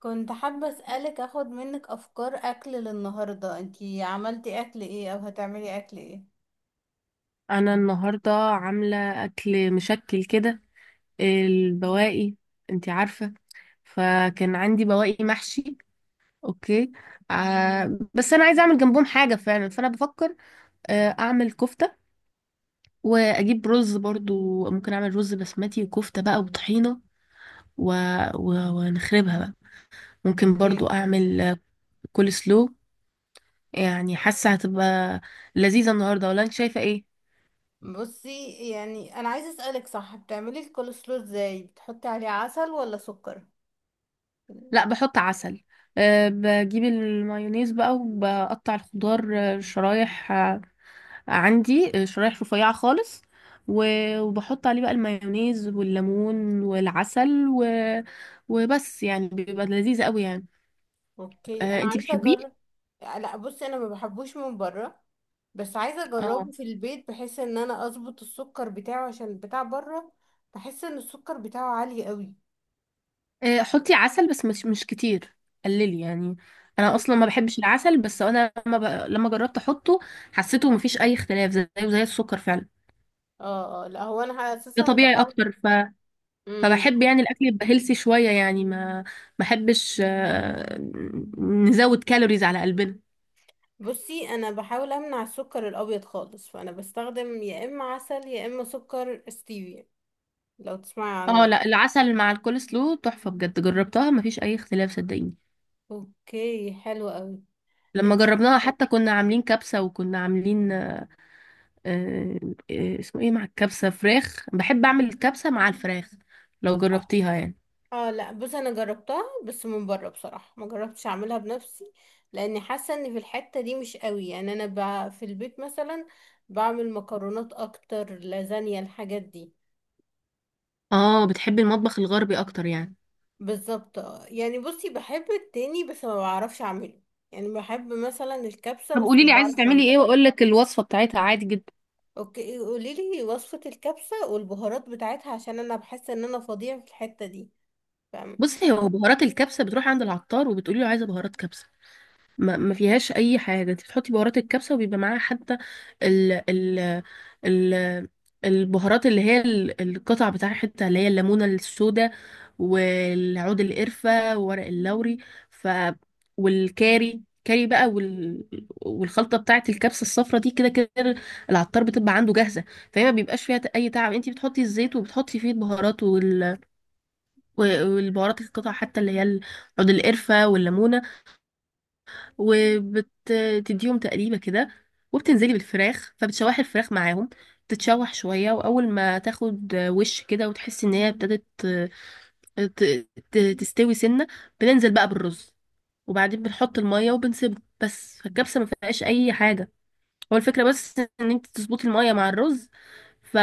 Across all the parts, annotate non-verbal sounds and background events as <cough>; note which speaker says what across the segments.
Speaker 1: كنت حابة أسألك أخد منك أفكار أكل للنهاردة، انتي عملتي أكل إيه أو هتعملي أكل إيه؟
Speaker 2: انا النهارده عامله اكل مشكل كده، البواقي، انتي عارفه. فكان عندي بواقي محشي. اوكي. بس انا عايزه اعمل جنبهم حاجه فعلا، فانا بفكر اعمل كفته واجيب رز. برضو ممكن اعمل رز بسمتي وكفته بقى وطحينه و... ونخربها بقى. ممكن برضو
Speaker 1: أوكي.
Speaker 2: اعمل كول سلو. يعني حاسه هتبقى لذيذه النهارده، ولا انت شايفه ايه؟
Speaker 1: بصي، يعني أنا عايزة أسألك، صح بتعملي الكولسلو إزاي، بتحطي عليه عسل ولا سكر؟
Speaker 2: لا، بحط عسل. أه، بجيب المايونيز بقى وبقطع الخضار، شرايح، عندي شرايح رفيعة خالص، وبحط عليه بقى المايونيز والليمون والعسل وبس، يعني بيبقى لذيذ قوي يعني.
Speaker 1: أوكي،
Speaker 2: أه،
Speaker 1: أنا
Speaker 2: انتي
Speaker 1: عايزة
Speaker 2: بتحبيه.
Speaker 1: أجرب. لا بصي، أنا ما بحبوش من بره، بس عايزة أجربه
Speaker 2: اه،
Speaker 1: في البيت بحيث إن أنا أظبط السكر بتاعه عشان بتاع بره. بحس إن السكر بتاعه عالي قوي.
Speaker 2: حطي عسل بس مش كتير، قللي يعني. انا اصلا
Speaker 1: مم.
Speaker 2: ما بحبش العسل، بس انا لما جربت احطه، حسيته مفيش اي اختلاف، زيه زي السكر فعلا.
Speaker 1: اه اه، لا هو انا
Speaker 2: ده
Speaker 1: اساسا
Speaker 2: طبيعي
Speaker 1: بحاول.
Speaker 2: اكتر،
Speaker 1: مم.
Speaker 2: فبحب يعني الاكل يبقى هيلثي شويه يعني، ما بحبش نزود كالوريز على قلبنا.
Speaker 1: بصي، انا بحاول امنع السكر الابيض خالص، فانا بستخدم يا اما عسل يا اما سكر ستيفيا، لو تسمعي
Speaker 2: اه
Speaker 1: عنه.
Speaker 2: لا، العسل مع الكولسلو تحفه بجد، جربتها ما فيش اي اختلاف، صدقيني.
Speaker 1: اوكي حلو قوي.
Speaker 2: لما
Speaker 1: انتي
Speaker 2: جربناها
Speaker 1: بت...
Speaker 2: حتى كنا عاملين كبسه، وكنا عاملين آه، اسمه ايه، مع الكبسه فراخ، بحب اعمل الكبسه مع الفراخ، لو
Speaker 1: اه
Speaker 2: جربتيها يعني.
Speaker 1: لا بصي، انا جربتها بس من بره، بصراحه ما جربتش اعملها بنفسي، لاني حاسه ان في الحته دي مش قوي يعني انا، في البيت مثلا بعمل مكرونات اكتر، لازانيا، الحاجات دي.
Speaker 2: اه بتحبي المطبخ الغربي اكتر يعني.
Speaker 1: بالظبط آه. يعني بصي بحب التاني بس ما بعرفش اعمله، يعني بحب مثلا الكبسه
Speaker 2: طب
Speaker 1: بس
Speaker 2: قولي
Speaker 1: ما
Speaker 2: لي عايزه
Speaker 1: بعرفش
Speaker 2: تعملي
Speaker 1: اعملها.
Speaker 2: ايه، واقول لك الوصفه بتاعتها عادي جدا.
Speaker 1: اوكي قولي لي وصفة الكبسة والبهارات بتاعتها، عشان انا بحس ان انا فظيعة في الحتة دي، فاهم؟
Speaker 2: بصي، هو بهارات الكبسه بتروح عند العطار، وبتقولي له عايزه بهارات كبسه، ما فيهاش اي حاجه، انت بتحطي بهارات الكبسه، وبيبقى معاها حتى ال ال ال البهارات اللي هي القطع بتاعتها، اللي هي الليمونه السوداء والعود القرفه وورق اللوري، ف والكاري كاري بقى والخلطه بتاعه الكبسه الصفرا دي، كده كده العطار بتبقى عنده جاهزه. فهي ما بيبقاش فيها اي تعب، انت بتحطي الزيت وبتحطي فيه البهارات والبهارات القطع، حتى اللي هي عود القرفه والليمونه، وبتديهم تقليبة كده، وبتنزلي بالفراخ فبتشوحي الفراخ معاهم. تتشوح شوية، وأول ما تاخد وش كده وتحسي إن هي ابتدت تستوي سنة، بننزل بقى بالرز، وبعدين بنحط المية وبنسيبه بس. فالكبسة ما فيهاش أي حاجة، هو الفكرة بس إن انت تظبطي المية مع الرز، ف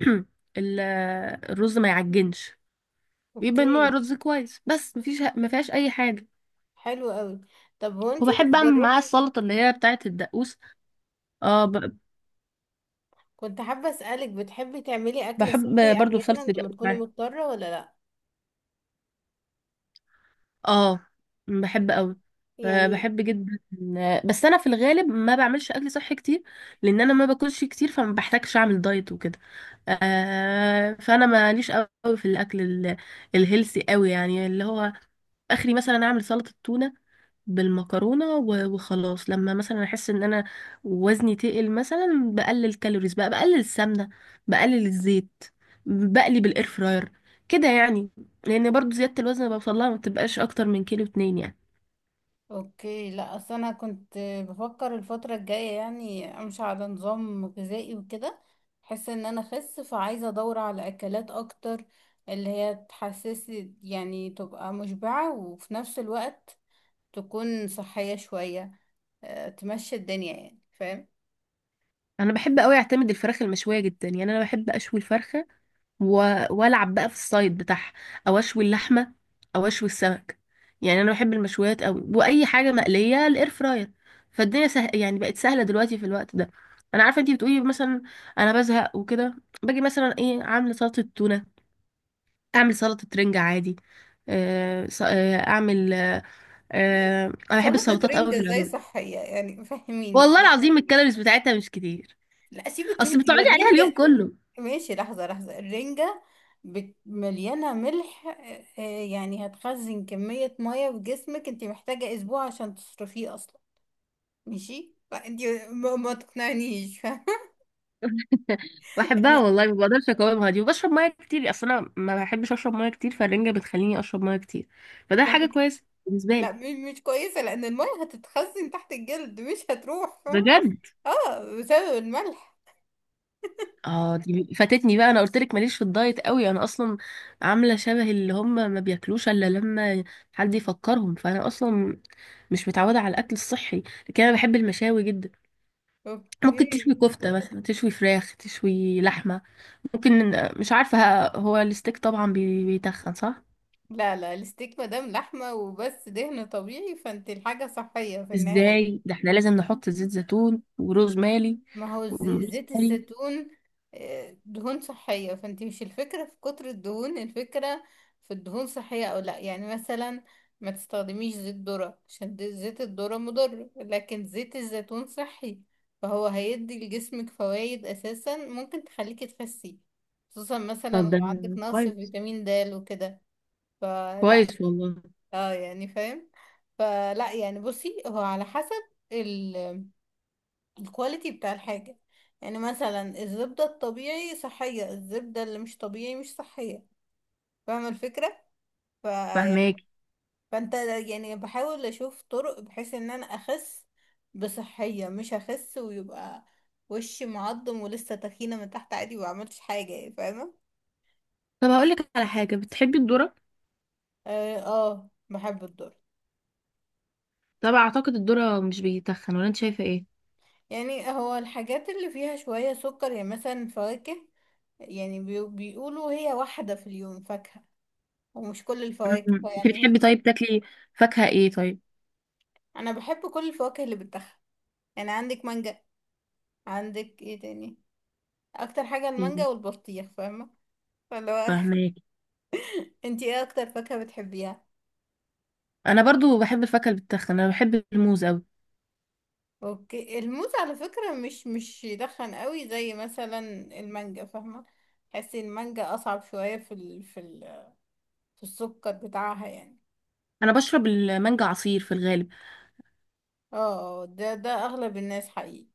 Speaker 2: <clears throat> ال- الرز ما يعجنش، يبقى نوع
Speaker 1: اوكي
Speaker 2: الرز كويس بس، مفيش ما فيهاش أي حاجة.
Speaker 1: حلو قوي. طب هو انتي
Speaker 2: وبحب أعمل معاه
Speaker 1: بتجربي؟
Speaker 2: السلطة اللي هي بتاعة الدقوس. اه،
Speaker 1: كنت حابة اسألك، بتحبي تعملي اكل
Speaker 2: بحب
Speaker 1: صحي
Speaker 2: برضو
Speaker 1: احيانا
Speaker 2: صلصة
Speaker 1: لما تكوني
Speaker 2: الجزر.
Speaker 1: مضطرة ولا لا؟
Speaker 2: اه بحب قوي،
Speaker 1: يعني.
Speaker 2: بحب جدا. بس انا في الغالب ما بعملش اكل صحي كتير، لان انا ما باكلش كتير، فما بحتاجش اعمل دايت وكده. آه، فانا ماليش قوي في الاكل الهيلثي قوي، يعني اللي هو اخري مثلا اعمل سلطة تونة بالمكرونه وخلاص. لما مثلا احس ان انا وزني تقل، مثلا بقلل كالوريز بقى، بقلل السمنه، بقلل الزيت، بقلي بالاير فراير كده يعني. لان برضو زياده الوزن اللي بوصلها ما بتبقاش اكتر من كيلو اتنين يعني.
Speaker 1: اوكي، لا اصل انا كنت بفكر الفترة الجاية يعني امشي على نظام غذائي وكده، بحس ان انا اخس فعايزة ادور على اكلات اكتر، اللي هي تحسسي يعني تبقى مشبعة وفي نفس الوقت تكون صحية شوية، تمشي الدنيا يعني، فاهم؟
Speaker 2: انا بحب قوي اعتمد الفراخ المشويه جدا، يعني انا بحب اشوي الفرخه والعب بقى في الصيد بتاعها، او اشوي اللحمه، او اشوي السمك. يعني انا بحب المشويات قوي، واي حاجه مقليه الاير فراير. فالدنيا سهل يعني، بقت سهله دلوقتي في الوقت ده. انا عارفه انتي بتقولي مثلا انا بزهق وكده، باجي مثلا ايه عامله سلطه تونه، اعمل سلطه رنجة عادي. آه، ص- آه، اعمل آه،
Speaker 1: يعني
Speaker 2: آه، انا بحب
Speaker 1: سلطة
Speaker 2: السلطات قوي
Speaker 1: رنجة
Speaker 2: في
Speaker 1: ازاي
Speaker 2: العموم.
Speaker 1: صحية، يعني فهميني
Speaker 2: والله
Speaker 1: <laughs>
Speaker 2: العظيم الكالوريز بتاعتها مش كتير،
Speaker 1: لا سيبك
Speaker 2: اصل
Speaker 1: انت يا
Speaker 2: بتقعدي عليها اليوم
Speaker 1: الرنجة.
Speaker 2: كله.
Speaker 1: ماشي، لحظة لحظة الرنجة، مليانة ملح. يعني هتخزن كمية مية في جسمك، انت محتاجة اسبوع عشان تصرفيه اصلا. ماشي فانت ما تقنعنيش <laughs> فاهمة؟
Speaker 2: بحبها
Speaker 1: يعني.
Speaker 2: والله ما بقدرش اقاومها دي، وبشرب ميه كتير. اصل انا ما بحبش اشرب ميه كتير، فالرنجه بتخليني اشرب ميه كتير، فده حاجه
Speaker 1: بعدك.
Speaker 2: كويسه بالنسبه
Speaker 1: لا،
Speaker 2: لي.
Speaker 1: مش كويسة، لان المية هتتخزن تحت الجلد مش هتروح، فاهمة؟
Speaker 2: بجد.
Speaker 1: اه بسبب الملح.
Speaker 2: اه دي فاتتني بقى، انا قلت لك ماليش في الدايت قوي. انا اصلا عامله شبه اللي هم ما بياكلوش الا لما حد يفكرهم، فانا اصلا مش متعوده على الاكل الصحي، لكن انا بحب المشاوي جدا. ممكن تشوي
Speaker 1: اوكي.
Speaker 2: كفته مثلا، تشوي فراخ، تشوي لحمه. ممكن، مش عارفه. هو الستيك طبعا بيتخن صح؟
Speaker 1: لا لا، الستيك مادام لحمة وبس دهن طبيعي فانت الحاجة صحية في النهاية.
Speaker 2: ازاي ده، احنا لازم نحط زيت زيتون وروزماري
Speaker 1: ما هو زيت
Speaker 2: وروزماري
Speaker 1: الزيتون، دهون صحية، فانت مش الفكرة في كتر الدهون، الفكرة في الدهون صحية او لا، يعني مثلا ما تستخدميش زيت ذرة عشان زيت الذرة مضر، لكن زيت الزيتون صحي، فهو هيدي لجسمك فوائد اساسا ممكن تخليكي تخسي، خصوصا مثلا
Speaker 2: طب
Speaker 1: لو
Speaker 2: ده
Speaker 1: عندك نقص في
Speaker 2: كويس،
Speaker 1: فيتامين د وكده. فلا.
Speaker 2: كويس والله.
Speaker 1: اه يعني فاهم؟ فلا يعني بصي هو على حسب ال- الكواليتي بتاع الحاجة. يعني مثلا الزبدة الطبيعي صحية، الزبدة اللي مش طبيعي مش صحية، فاهمة الفكرة؟ ف يعني
Speaker 2: فهماك.
Speaker 1: فانت، يعني بحاول اشوف طرق بحيث ان انا اخس بصحية، مش اخس ويبقى وشي معضم ولسه تخينة من تحت عادي وما عملتش حاجة يعني، فاهمة؟
Speaker 2: طب هقول لك على حاجه، بتحبي الذره؟
Speaker 1: اه بحب الدور.
Speaker 2: طب اعتقد الذره مش بيتخن، ولا انت شايفه ايه؟
Speaker 1: يعني هو الحاجات اللي فيها شوية سكر يعني مثلا فواكه، يعني بيقولوا هي واحدة في اليوم فاكهة، ومش كل
Speaker 2: م- م.
Speaker 1: الفواكه
Speaker 2: انت
Speaker 1: يعني هي.
Speaker 2: بتحبي طيب تاكلي فاكهه ايه طيب؟
Speaker 1: أنا بحب كل الفواكه اللي بتاخد، يعني عندك مانجا، عندك ايه تاني؟ أكتر حاجة
Speaker 2: إيه،
Speaker 1: المانجا والبطيخ، فاهمة؟ فاللي هو
Speaker 2: فهماك.
Speaker 1: <laughs> انتي ايه أكتر فاكهة بتحبيها؟
Speaker 2: انا برضو بحب الفاكهه اللي بتتخن، انا بحب الموز قوي.
Speaker 1: اوكي الموز على فكرة مش يدخن قوي زي مثلا المانجا، فاهمة؟ تحسي المانجا أصعب شوية في السكر بتاعها يعني.
Speaker 2: انا بشرب المانجا عصير في الغالب.
Speaker 1: اه ده أغلب الناس حقيقي.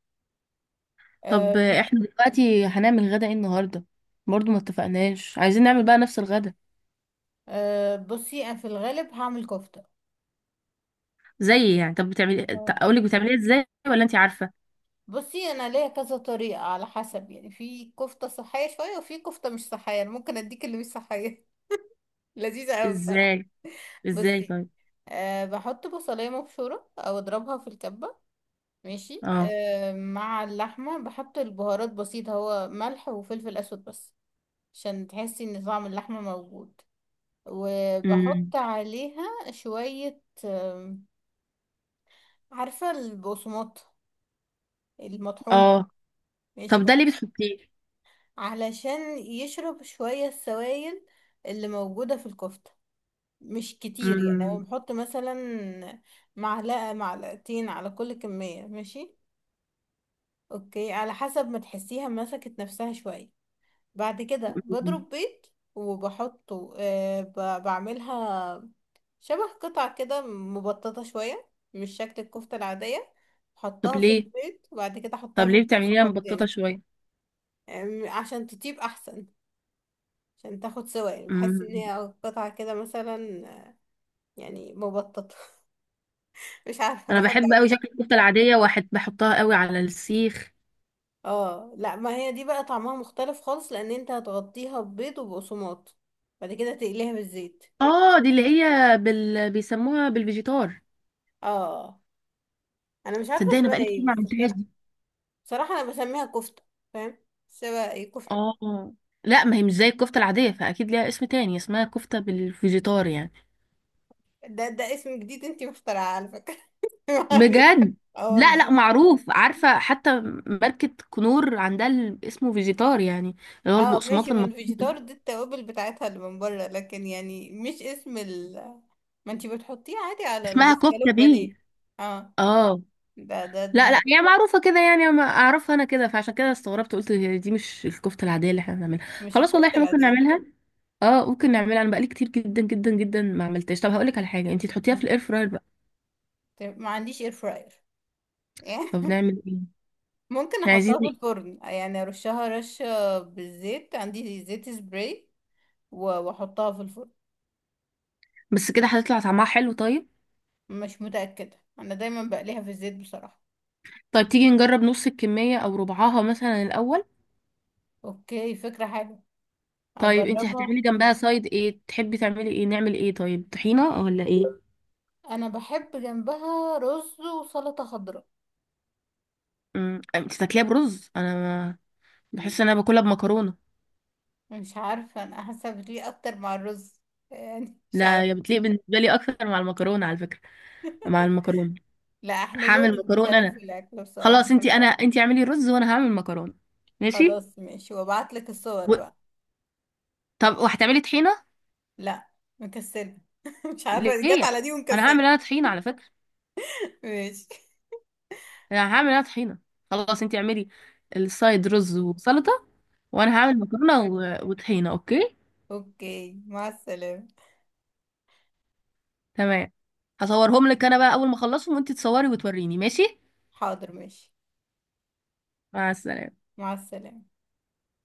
Speaker 2: طب
Speaker 1: أه.
Speaker 2: احنا دلوقتي هنعمل غدا ايه النهارده؟ برضو ما اتفقناش، عايزين نعمل بقى نفس الغدا
Speaker 1: أه بصي أنا في الغالب هعمل كفتة.
Speaker 2: زي يعني؟ طب بتعملي،
Speaker 1: آه.
Speaker 2: اقول لك بتعمليها ازاي ولا انت عارفه؟
Speaker 1: بصي انا ليا كذا طريقه على حسب، يعني في كفته صحيه شويه وفي كفته مش صحيه، انا ممكن اديك اللي مش صحيه <laughs> لذيذه قوي بصراحه.
Speaker 2: ازاي ازاي
Speaker 1: بصي،
Speaker 2: طيب.
Speaker 1: بحط بصلايه مبشوره او اضربها في الكبه، ماشي.
Speaker 2: اه.
Speaker 1: مع اللحمه بحط البهارات بسيطه، هو ملح وفلفل اسود بس، عشان تحسي ان طعم اللحمه موجود.
Speaker 2: امم.
Speaker 1: وبحط عليها شويه، عارفه البقسماط المطحون؟
Speaker 2: اه.
Speaker 1: ماشي
Speaker 2: طب ده ليه
Speaker 1: بحط
Speaker 2: بتحطيه؟
Speaker 1: علشان يشرب شوية السوائل اللي موجودة في الكفتة، مش كتير يعني، هو
Speaker 2: امم.
Speaker 1: بيحط مثلا معلقة معلقتين على كل كمية، ماشي؟ اوكي على حسب ما تحسيها مسكت نفسها شوية. بعد كده
Speaker 2: أمم.
Speaker 1: بضرب بيض وبحطه، بعملها شبه قطع كده مبططة شوية، مش شكل الكفتة العادية،
Speaker 2: طب
Speaker 1: حطها في
Speaker 2: ليه
Speaker 1: البيض وبعد كده
Speaker 2: طب
Speaker 1: حطها في
Speaker 2: ليه بتعمليها
Speaker 1: البقسماط
Speaker 2: مبططه
Speaker 1: تاني.
Speaker 2: شويه؟
Speaker 1: عشان تطيب احسن، عشان تاخد سوا يعني، بحس ان
Speaker 2: امم.
Speaker 1: هي قطعة كده مثلا، يعني مبططة <laughs> مش عارفة
Speaker 2: انا
Speaker 1: بحب
Speaker 2: بحب
Speaker 1: اعمل.
Speaker 2: قوي شكل الكفته العاديه، واحد بحطها قوي على السيخ.
Speaker 1: اه لا ما هي دي بقى طعمها مختلف خالص، لان انت هتغطيها ببيض وبقسماط، بعد كده تقليها بالزيت.
Speaker 2: اه دي اللي هي بيسموها بالفيجيتار.
Speaker 1: اه انا مش عارفة
Speaker 2: تصدقني انا
Speaker 1: اسمها
Speaker 2: بقالي كتير
Speaker 1: ايه
Speaker 2: ما
Speaker 1: بس
Speaker 2: عملتهاش
Speaker 1: بصراحة،
Speaker 2: دي.
Speaker 1: بصراحة انا بسميها كفتة، فاهم؟ سوا ايه كفتة.
Speaker 2: اه لا، ما هي مش زي الكفته العاديه، فاكيد ليها اسم تاني، اسمها كفته بالفيجيتار يعني.
Speaker 1: ده اسم جديد، انتي مخترعة على فكرة <laughs> ما علينا.
Speaker 2: بجد.
Speaker 1: اه
Speaker 2: لا لا،
Speaker 1: والله.
Speaker 2: معروف، عارفة حتى ماركة كنور عندها اسمه فيجيتار يعني، اللي هو
Speaker 1: اه ماشي،
Speaker 2: البقسماط
Speaker 1: ما الفيجيتار دي التوابل بتاعتها اللي من بره، لكن يعني مش اسم ما انتي بتحطيه عادي على
Speaker 2: اسمها
Speaker 1: السكالوب
Speaker 2: كفتة بيه.
Speaker 1: بانيه. اه
Speaker 2: اه.
Speaker 1: ده ده
Speaker 2: لا
Speaker 1: دي,
Speaker 2: لا،
Speaker 1: دي
Speaker 2: هي معروفة كده يعني، ما اعرفها انا كده، فعشان كده استغربت، قلت هي دي مش الكفتة العادية اللي احنا بنعملها.
Speaker 1: مش
Speaker 2: خلاص والله
Speaker 1: الكفتة
Speaker 2: احنا ممكن
Speaker 1: العادية دي.
Speaker 2: نعملها. اه ممكن نعملها، انا بقالي كتير جدا جدا جدا ما عملتهاش. طب هقولك على حاجة، انتي تحطيها في
Speaker 1: مم.
Speaker 2: الاير فراير بقى.
Speaker 1: طيب، ما عنديش اير فراير <laughs>
Speaker 2: طب نعمل ايه؟
Speaker 1: ممكن
Speaker 2: احنا عايزين،
Speaker 1: احطها في الفرن، يعني ارشها رشة بالزيت، عندي زيت سبراي واحطها في الفرن.
Speaker 2: بس كده هتطلع طعمها حلو طيب؟
Speaker 1: مش متأكدة، انا دايما بقليها في الزيت بصراحة.
Speaker 2: طيب تيجي نجرب نص الكمية او ربعها مثلا الاول.
Speaker 1: اوكي فكرة حلوة،
Speaker 2: طيب انت
Speaker 1: اجربها.
Speaker 2: هتعملي جنبها سايد ايه، تحبي تعملي ايه، نعمل ايه طيب، طحينة ولا ايه؟
Speaker 1: انا بحب جنبها رز وسلطة خضراء.
Speaker 2: امم، انت تاكليها برز، انا بحس ان انا باكلها بمكرونة.
Speaker 1: مش عارفة، أنا حاسة بتليق أكتر مع الرز، يعني مش
Speaker 2: لا
Speaker 1: عارفة.
Speaker 2: يا، بتليق بالنسبة لي اكتر مع المكرونة على فكرة، مع المكرونة.
Speaker 1: لا احنا
Speaker 2: هعمل
Speaker 1: ذوقنا
Speaker 2: مكرونة
Speaker 1: مختلف في
Speaker 2: انا.
Speaker 1: الأكل بصراحة.
Speaker 2: خلاص، انت اعملي رز، وانا هعمل مكرونة. ماشي.
Speaker 1: خلاص ماشي، وابعتلك الصور
Speaker 2: و...
Speaker 1: بقى.
Speaker 2: طب وهتعملي طحينة؟
Speaker 1: لا، مكسلة <laughs> مش عارفة جت
Speaker 2: ليه؟
Speaker 1: على دي
Speaker 2: انا هعمل
Speaker 1: ومكسلة.
Speaker 2: انا طحينة على فكرة،
Speaker 1: ماشي.
Speaker 2: انا هعمل انا طحينة. خلاص انت اعملي السايد رز وسلطة، وانا هعمل مكرونة وطحينة. اوكي،
Speaker 1: اوكي مع السلامة.
Speaker 2: تمام. هصورهم لك انا بقى اول ما اخلصهم، وانت تصوري وتوريني ماشي.
Speaker 1: حاضر ماشي.
Speaker 2: مع السلامة.
Speaker 1: مع السلامة.